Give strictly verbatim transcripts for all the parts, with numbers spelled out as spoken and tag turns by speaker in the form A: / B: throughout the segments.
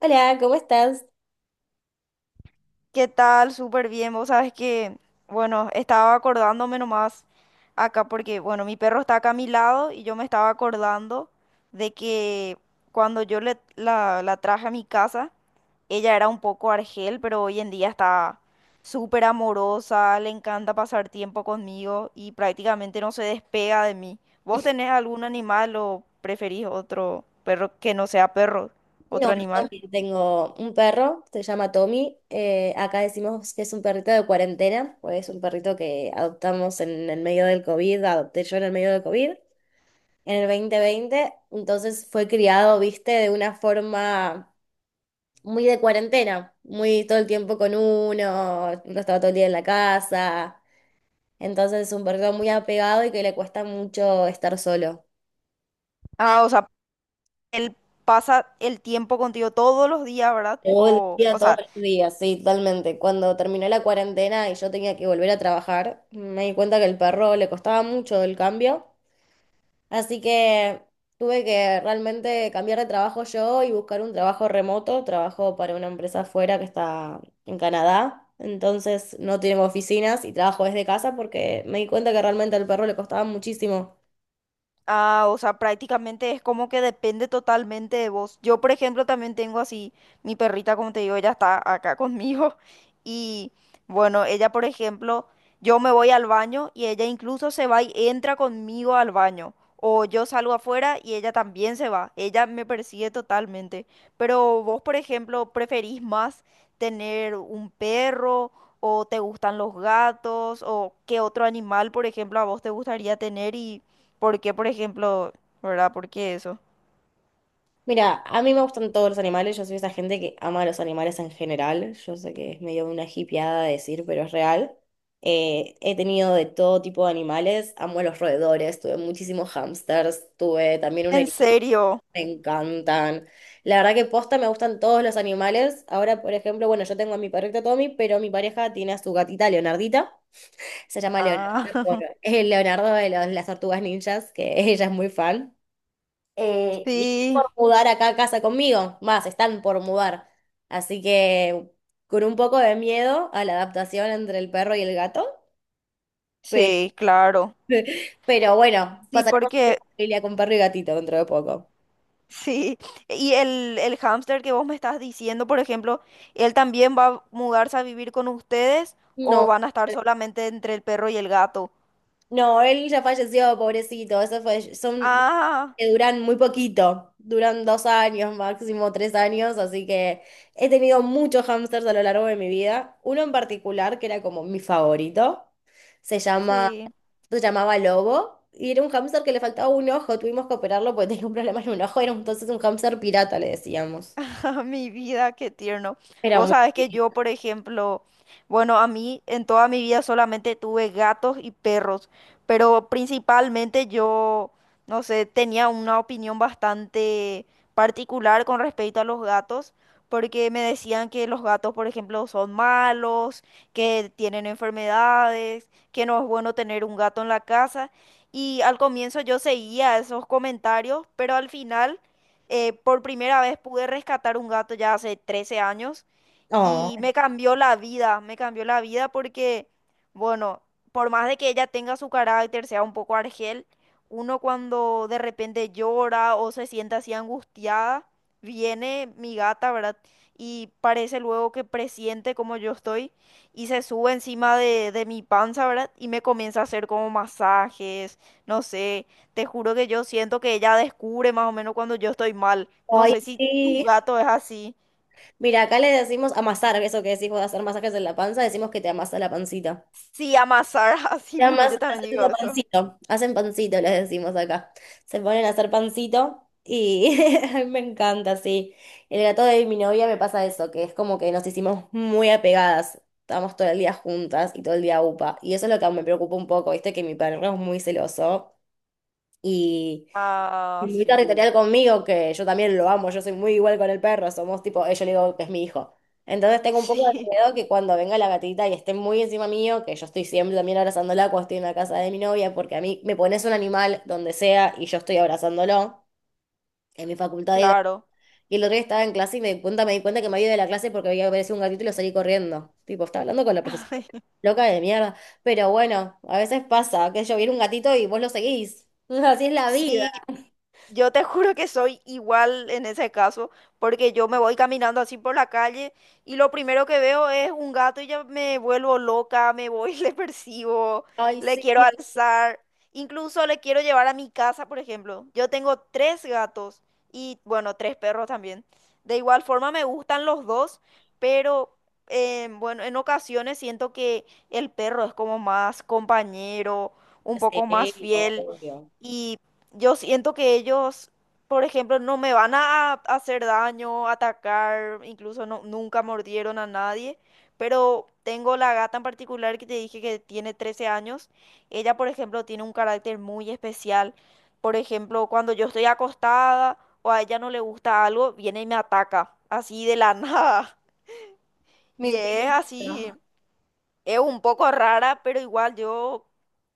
A: Hola, ¿cómo estás?
B: ¿Qué tal? Súper bien. Vos sabes que, bueno, estaba acordándome nomás acá porque, bueno, mi perro está acá a mi lado y yo me estaba acordando de que cuando yo le, la, la traje a mi casa, ella era un poco argel, pero hoy en día está súper amorosa, le encanta pasar tiempo conmigo y prácticamente no se despega de mí. ¿Vos tenés algún animal o preferís otro perro que no sea perro, otro
A: No, yo
B: animal?
A: también tengo un perro, se llama Tommy. eh, acá decimos que es un perrito de cuarentena, pues es un perrito que adoptamos en el medio del COVID, adopté yo en el medio del COVID, en el dos mil veinte. Entonces fue criado, viste, de una forma muy de cuarentena, muy todo el tiempo con uno, no estaba todo el día en la casa. Entonces es un perrito muy apegado y que le cuesta mucho estar solo.
B: Ah, o sea, él pasa el tiempo contigo todos los días, ¿verdad?
A: Todo el
B: O,
A: día,
B: o
A: todos
B: sea,
A: los días, sí, totalmente. Cuando terminó la cuarentena y yo tenía que volver a trabajar, me di cuenta que el perro le costaba mucho el cambio, así que tuve que realmente cambiar de trabajo yo y buscar un trabajo remoto. Trabajo para una empresa afuera que está en Canadá, entonces no tenemos oficinas y trabajo desde casa porque me di cuenta que realmente al perro le costaba muchísimo.
B: Ah, o sea, prácticamente es como que depende totalmente de vos. Yo, por ejemplo, también tengo así, mi perrita, como te digo, ella está acá conmigo. Y bueno, ella, por ejemplo, yo me voy al baño y ella incluso se va y entra conmigo al baño. O yo salgo afuera y ella también se va. Ella me persigue totalmente. Pero vos, por ejemplo, ¿preferís más tener un perro o te gustan los gatos o qué otro animal, por ejemplo, a vos te gustaría tener y... ¿Por qué, por ejemplo, verdad? ¿Por qué eso?
A: Mira, a mí me gustan todos los animales, yo soy esa gente que ama a los animales en general, yo sé que es medio una hippieada decir, pero es real. Eh, he tenido de todo tipo de animales, amo a los roedores, tuve muchísimos hamsters, tuve también un
B: ¿En
A: erizo,
B: serio?
A: me encantan. La verdad que posta me gustan todos los animales. Ahora, por ejemplo, bueno, yo tengo a mi perrito Tommy, pero mi pareja tiene a su gatita Leonardita, se llama Leonardo, por-
B: Ah,
A: es el Leonardo de los- las tortugas ninjas, que ella es muy fan. Eh, y están
B: sí,
A: por mudar acá a casa conmigo, más, están por mudar. Así que con un poco de miedo a la adaptación entre el perro y el gato, pero,
B: sí, claro.
A: pero bueno,
B: Sí,
A: pasaremos a ser
B: porque,
A: familia con perro y gatito dentro de poco.
B: sí. Y el, el hámster que vos me estás diciendo, por ejemplo, ¿él también va a mudarse a vivir con ustedes
A: No.
B: o van a estar solamente entre el perro y el gato?
A: No, él ya falleció, pobrecito. Eso fue, son
B: Ah,
A: que duran muy poquito, duran dos años, máximo tres años, así que he tenido muchos hámsters a lo largo de mi vida. Uno en particular que era como mi favorito, se llama,
B: sí.
A: se llamaba Lobo y era un hámster que le faltaba un ojo. Tuvimos que operarlo porque tenía un problema en un ojo. Era entonces un hámster pirata, le decíamos.
B: Mi vida, qué tierno.
A: Era
B: Vos
A: muy
B: sabés que yo,
A: lindo.
B: por ejemplo, bueno, a mí en toda mi vida solamente tuve gatos y perros, pero principalmente yo, no sé, tenía una opinión bastante particular con respecto a los gatos, porque me decían que los gatos, por ejemplo, son malos, que tienen enfermedades, que no es bueno tener un gato en la casa. Y al comienzo yo seguía esos comentarios, pero al final... Eh, por primera vez pude rescatar un gato ya hace trece años
A: Oh,
B: y me cambió la vida, me cambió la vida porque, bueno, por más de que ella tenga su carácter, sea un poco argel, uno cuando de repente llora o se siente así angustiada, viene mi gata, ¿verdad? Y parece luego que presiente como yo estoy y se sube encima de, de mi panza, ¿verdad? Y me comienza a hacer como masajes, no sé, te juro que yo siento que ella descubre más o menos cuando yo estoy mal. No
A: ay,
B: sé si tu
A: sí.
B: gato es así.
A: Mira, acá le decimos amasar, eso que decís vos de hacer masajes en la panza, decimos que te amasa la pancita.
B: Sí, amasar así mismo, yo
A: Además,
B: también digo
A: haciendo
B: eso.
A: pancito, hacen pancito, les decimos acá. Se ponen a hacer pancito y a mí me encanta, sí. El gato de mi novia me pasa eso, que es como que nos hicimos muy apegadas. Estábamos todo el día juntas y todo el día upa. Y eso es lo que me preocupa un poco, viste, que mi perro es muy celoso y
B: Ah,
A: y muy
B: sí.
A: territorial conmigo, que yo también lo amo, yo soy muy igual con el perro, somos tipo, eh, yo le digo que es mi hijo. Entonces tengo un poco de
B: Sí,
A: miedo que cuando venga la gatita y esté muy encima mío, que yo estoy siempre también abrazándola cuando estoy en la casa de mi novia, porque a mí me pones un animal donde sea y yo estoy abrazándolo en mi facultad de gato.
B: claro.
A: Y el otro día estaba en clase y me di cuenta, me di cuenta que me había ido de la clase porque había aparecido un gatito y lo salí corriendo. Tipo, estaba hablando con la profesora. Loca de mierda. Pero bueno, a veces pasa, que yo viene un gatito y vos lo seguís. Así es la vida.
B: Sí, yo te juro que soy igual en ese caso, porque yo me voy caminando así por la calle y lo primero que veo es un gato y ya me vuelvo loca, me voy, le persigo,
A: Ay,
B: le
A: sí,
B: quiero alzar, incluso le quiero llevar a mi casa, por ejemplo. Yo tengo tres gatos y, bueno, tres perros también. De igual forma me gustan los dos, pero, eh, bueno, en ocasiones siento que el perro es como más compañero, un poco más
A: sí,
B: fiel.
A: obvio.
B: Y yo siento que ellos, por ejemplo, no me van a hacer daño, atacar, incluso no, nunca mordieron a nadie, pero tengo la gata en particular que te dije que tiene trece años. Ella, por ejemplo, tiene un carácter muy especial. Por ejemplo, cuando yo estoy acostada o a ella no le gusta algo, viene y me ataca, así de la nada.
A: Mi
B: Y es así.
A: pinto.
B: Es un poco rara, pero igual yo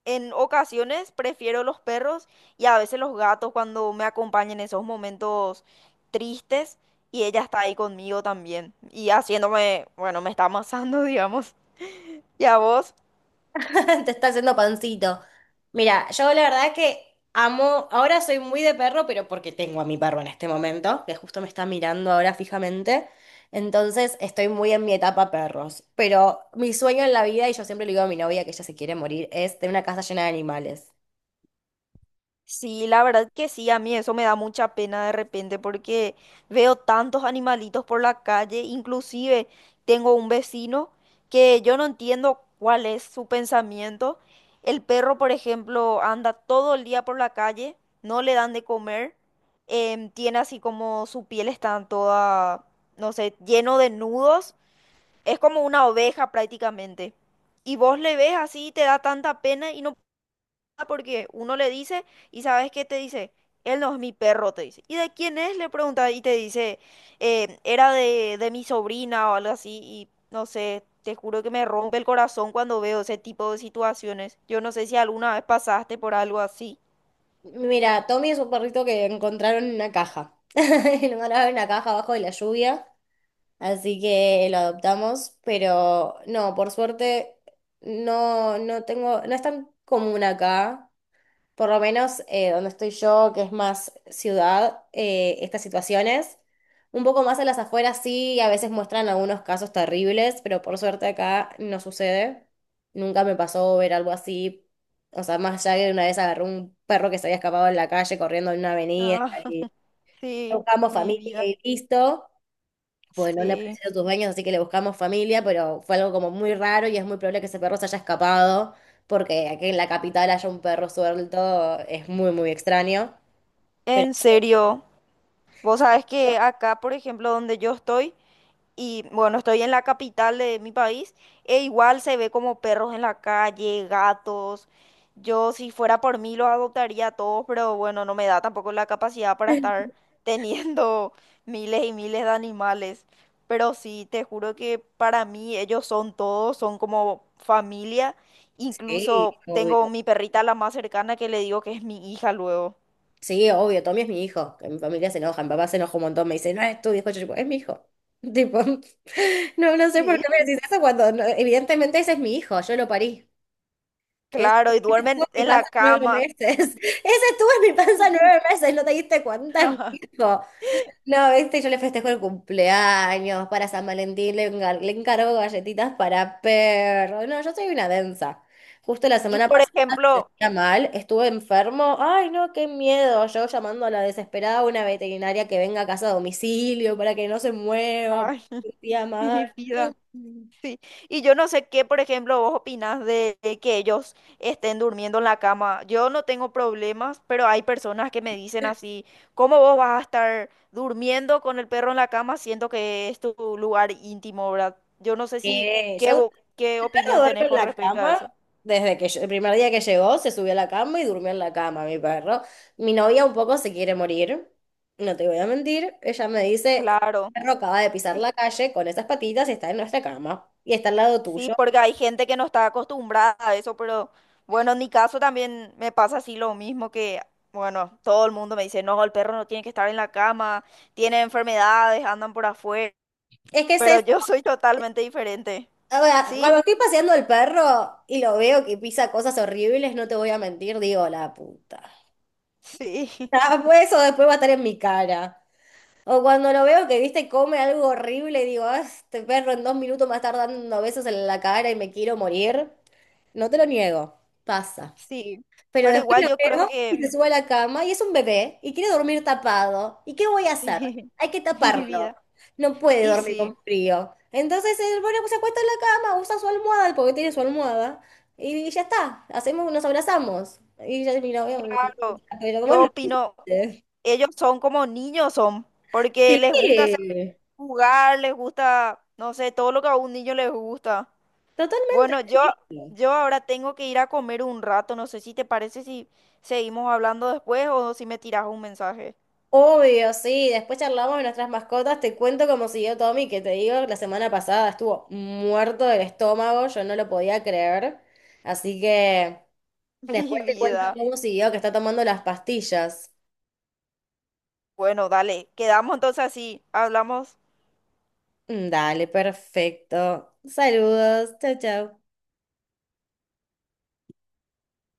B: en ocasiones prefiero los perros y a veces los gatos cuando me acompañan en esos momentos tristes y ella está ahí conmigo también y haciéndome, bueno, me está amasando, digamos. ¿Y a vos?
A: Te está haciendo pancito. Mira, yo la verdad que amo, ahora soy muy de perro, pero porque tengo a mi perro en este momento, que justo me está mirando ahora fijamente. Entonces estoy muy en mi etapa perros. Pero mi sueño en la vida, y yo siempre le digo a mi novia que ella se quiere morir, es tener una casa llena de animales.
B: Sí, la verdad que sí, a mí eso me da mucha pena de repente porque veo tantos animalitos por la calle, inclusive tengo un vecino que yo no entiendo cuál es su pensamiento. El perro, por ejemplo, anda todo el día por la calle, no le dan de comer, em, tiene así como su piel está toda, no sé, lleno de nudos, es como una oveja prácticamente. Y vos le ves así, te da tanta pena y no porque uno le dice y ¿sabes qué te dice? Él no es mi perro, te dice. ¿Y de quién es? Le pregunta y te dice, eh, era de, de mi sobrina o algo así y no sé, te juro que me rompe el corazón cuando veo ese tipo de situaciones. Yo no sé si alguna vez pasaste por algo así.
A: Mira, Tommy es un perrito que encontraron en una caja. Lo mandaron en una caja abajo de la lluvia. Así que lo adoptamos, pero no, por suerte no, no tengo, no es tan común acá, por lo menos eh, donde estoy yo, que es más ciudad, eh, estas situaciones. Un poco más a las afueras sí, a veces muestran algunos casos terribles, pero por suerte acá no sucede. Nunca me pasó ver algo así. O sea, más allá de una vez agarró un perro que se había escapado en la calle corriendo en una avenida
B: Ah,
A: y
B: sí,
A: buscamos
B: mi
A: familia
B: vida.
A: y listo, pues no le
B: Sí.
A: pareció a tus dueños, así que le buscamos familia, pero fue algo como muy raro y es muy probable que ese perro se haya escapado, porque aquí en la capital haya un perro suelto, es muy, muy extraño. Pero
B: En serio. Vos sabés que acá, por ejemplo, donde yo estoy, y bueno, estoy en la capital de mi país e igual se ve como perros en la calle, gatos. Yo si fuera por mí los adoptaría a todos, pero bueno, no me da tampoco la capacidad para estar teniendo miles y miles de animales. Pero sí, te juro que para mí ellos son todos, son como familia.
A: sí,
B: Incluso
A: obvio.
B: tengo mi perrita la más cercana que le digo que es mi hija luego.
A: Sí, obvio, Tommy es mi hijo. Que Mi familia se enoja, mi papá se enoja un montón, me dice, no es tu hijo, yo digo, es mi hijo. Tipo, no, no sé por
B: Sí.
A: qué me decís eso cuando, no, evidentemente ese es mi hijo, yo lo parí. Ese,
B: Claro, y
A: ese estuvo
B: duermen
A: en mi
B: en
A: panza
B: la
A: nueve
B: cama.
A: meses.
B: No.
A: Ese estuvo en mi panza nueve meses, ¿no te diste cuenta? Es mi hijo. No, este, yo le festejo el cumpleaños para San Valentín, le, engar- le encargo galletitas para perro. No, yo soy una densa. Justo la
B: Y
A: semana
B: por
A: pasada se
B: ejemplo,
A: sentía mal, estuve enfermo. Ay, no, qué miedo. Yo llamando a la desesperada a una veterinaria que venga a casa a domicilio para que no se mueva,
B: ay,
A: porque se sentía mal.
B: mi vida.
A: Mm.
B: Y yo no sé qué, por ejemplo, vos opinás de, de que ellos estén durmiendo en la cama. Yo no tengo problemas, pero hay personas que me dicen así, ¿cómo vos vas a estar durmiendo con el perro en la cama siendo que es tu lugar íntimo, ¿verdad? Yo no sé si,
A: Que
B: ¿qué,
A: yo
B: vo- qué
A: perro
B: opinión
A: duerme
B: tenés
A: en
B: con
A: la
B: respecto a
A: cama
B: eso?
A: desde que ll- el primer día que llegó, se subió a la cama y durmió en la cama, mi perro. Mi novia un poco se quiere morir, no te voy a mentir. Ella me dice, el
B: Claro.
A: perro acaba de pisar la calle con esas patitas y está en nuestra cama y está al lado
B: Sí,
A: tuyo.
B: porque hay gente que no está acostumbrada a eso, pero bueno, en mi caso también me pasa así lo mismo que, bueno, todo el mundo me dice, no, el perro no tiene que estar en la cama, tiene enfermedades, andan por afuera,
A: Es que es
B: pero
A: eso.
B: yo soy totalmente diferente.
A: O sea,
B: Sí,
A: cuando estoy paseando al perro y lo veo que pisa cosas horribles, no te voy a mentir, digo, la puta.
B: sí,
A: Ah, pues eso después va a estar en mi cara. O cuando lo veo que, viste, come algo horrible y digo, ah, este perro en dos minutos me va a estar dando besos en la cara y me quiero morir. No te lo niego, pasa.
B: sí,
A: Pero
B: pero
A: después
B: igual
A: lo
B: yo creo
A: veo
B: que,
A: y se sube a la cama y es un bebé y quiere dormir tapado. ¿Y qué voy a hacer?
B: sí,
A: Hay que
B: mi
A: taparlo.
B: vida.
A: No puede
B: Y
A: dormir con
B: sí,
A: frío. Entonces él, bueno, pues se acuesta en la cama, usa su almohada, porque tiene su almohada, y ya está. Hacemos, nos abrazamos. Y ya mira, veo,
B: claro,
A: pero vos
B: yo
A: lo
B: opino,
A: viste.
B: ellos son como niños son, porque les gusta hacer
A: Sí.
B: jugar, les gusta, no sé, todo lo que a un niño les gusta.
A: Totalmente.
B: Bueno, yo,
A: Sí.
B: yo ahora tengo que ir a comer un rato. No sé si te parece si seguimos hablando después o si me tiras un mensaje.
A: Obvio, sí. Después charlamos de nuestras mascotas. Te cuento cómo siguió Tommy, que te digo, la semana pasada estuvo muerto del estómago. Yo no lo podía creer. Así que
B: Mi
A: después te cuento
B: vida.
A: cómo siguió, que está tomando las pastillas.
B: Bueno, dale, quedamos entonces así. Hablamos.
A: Dale, perfecto. Saludos. Chao, chao.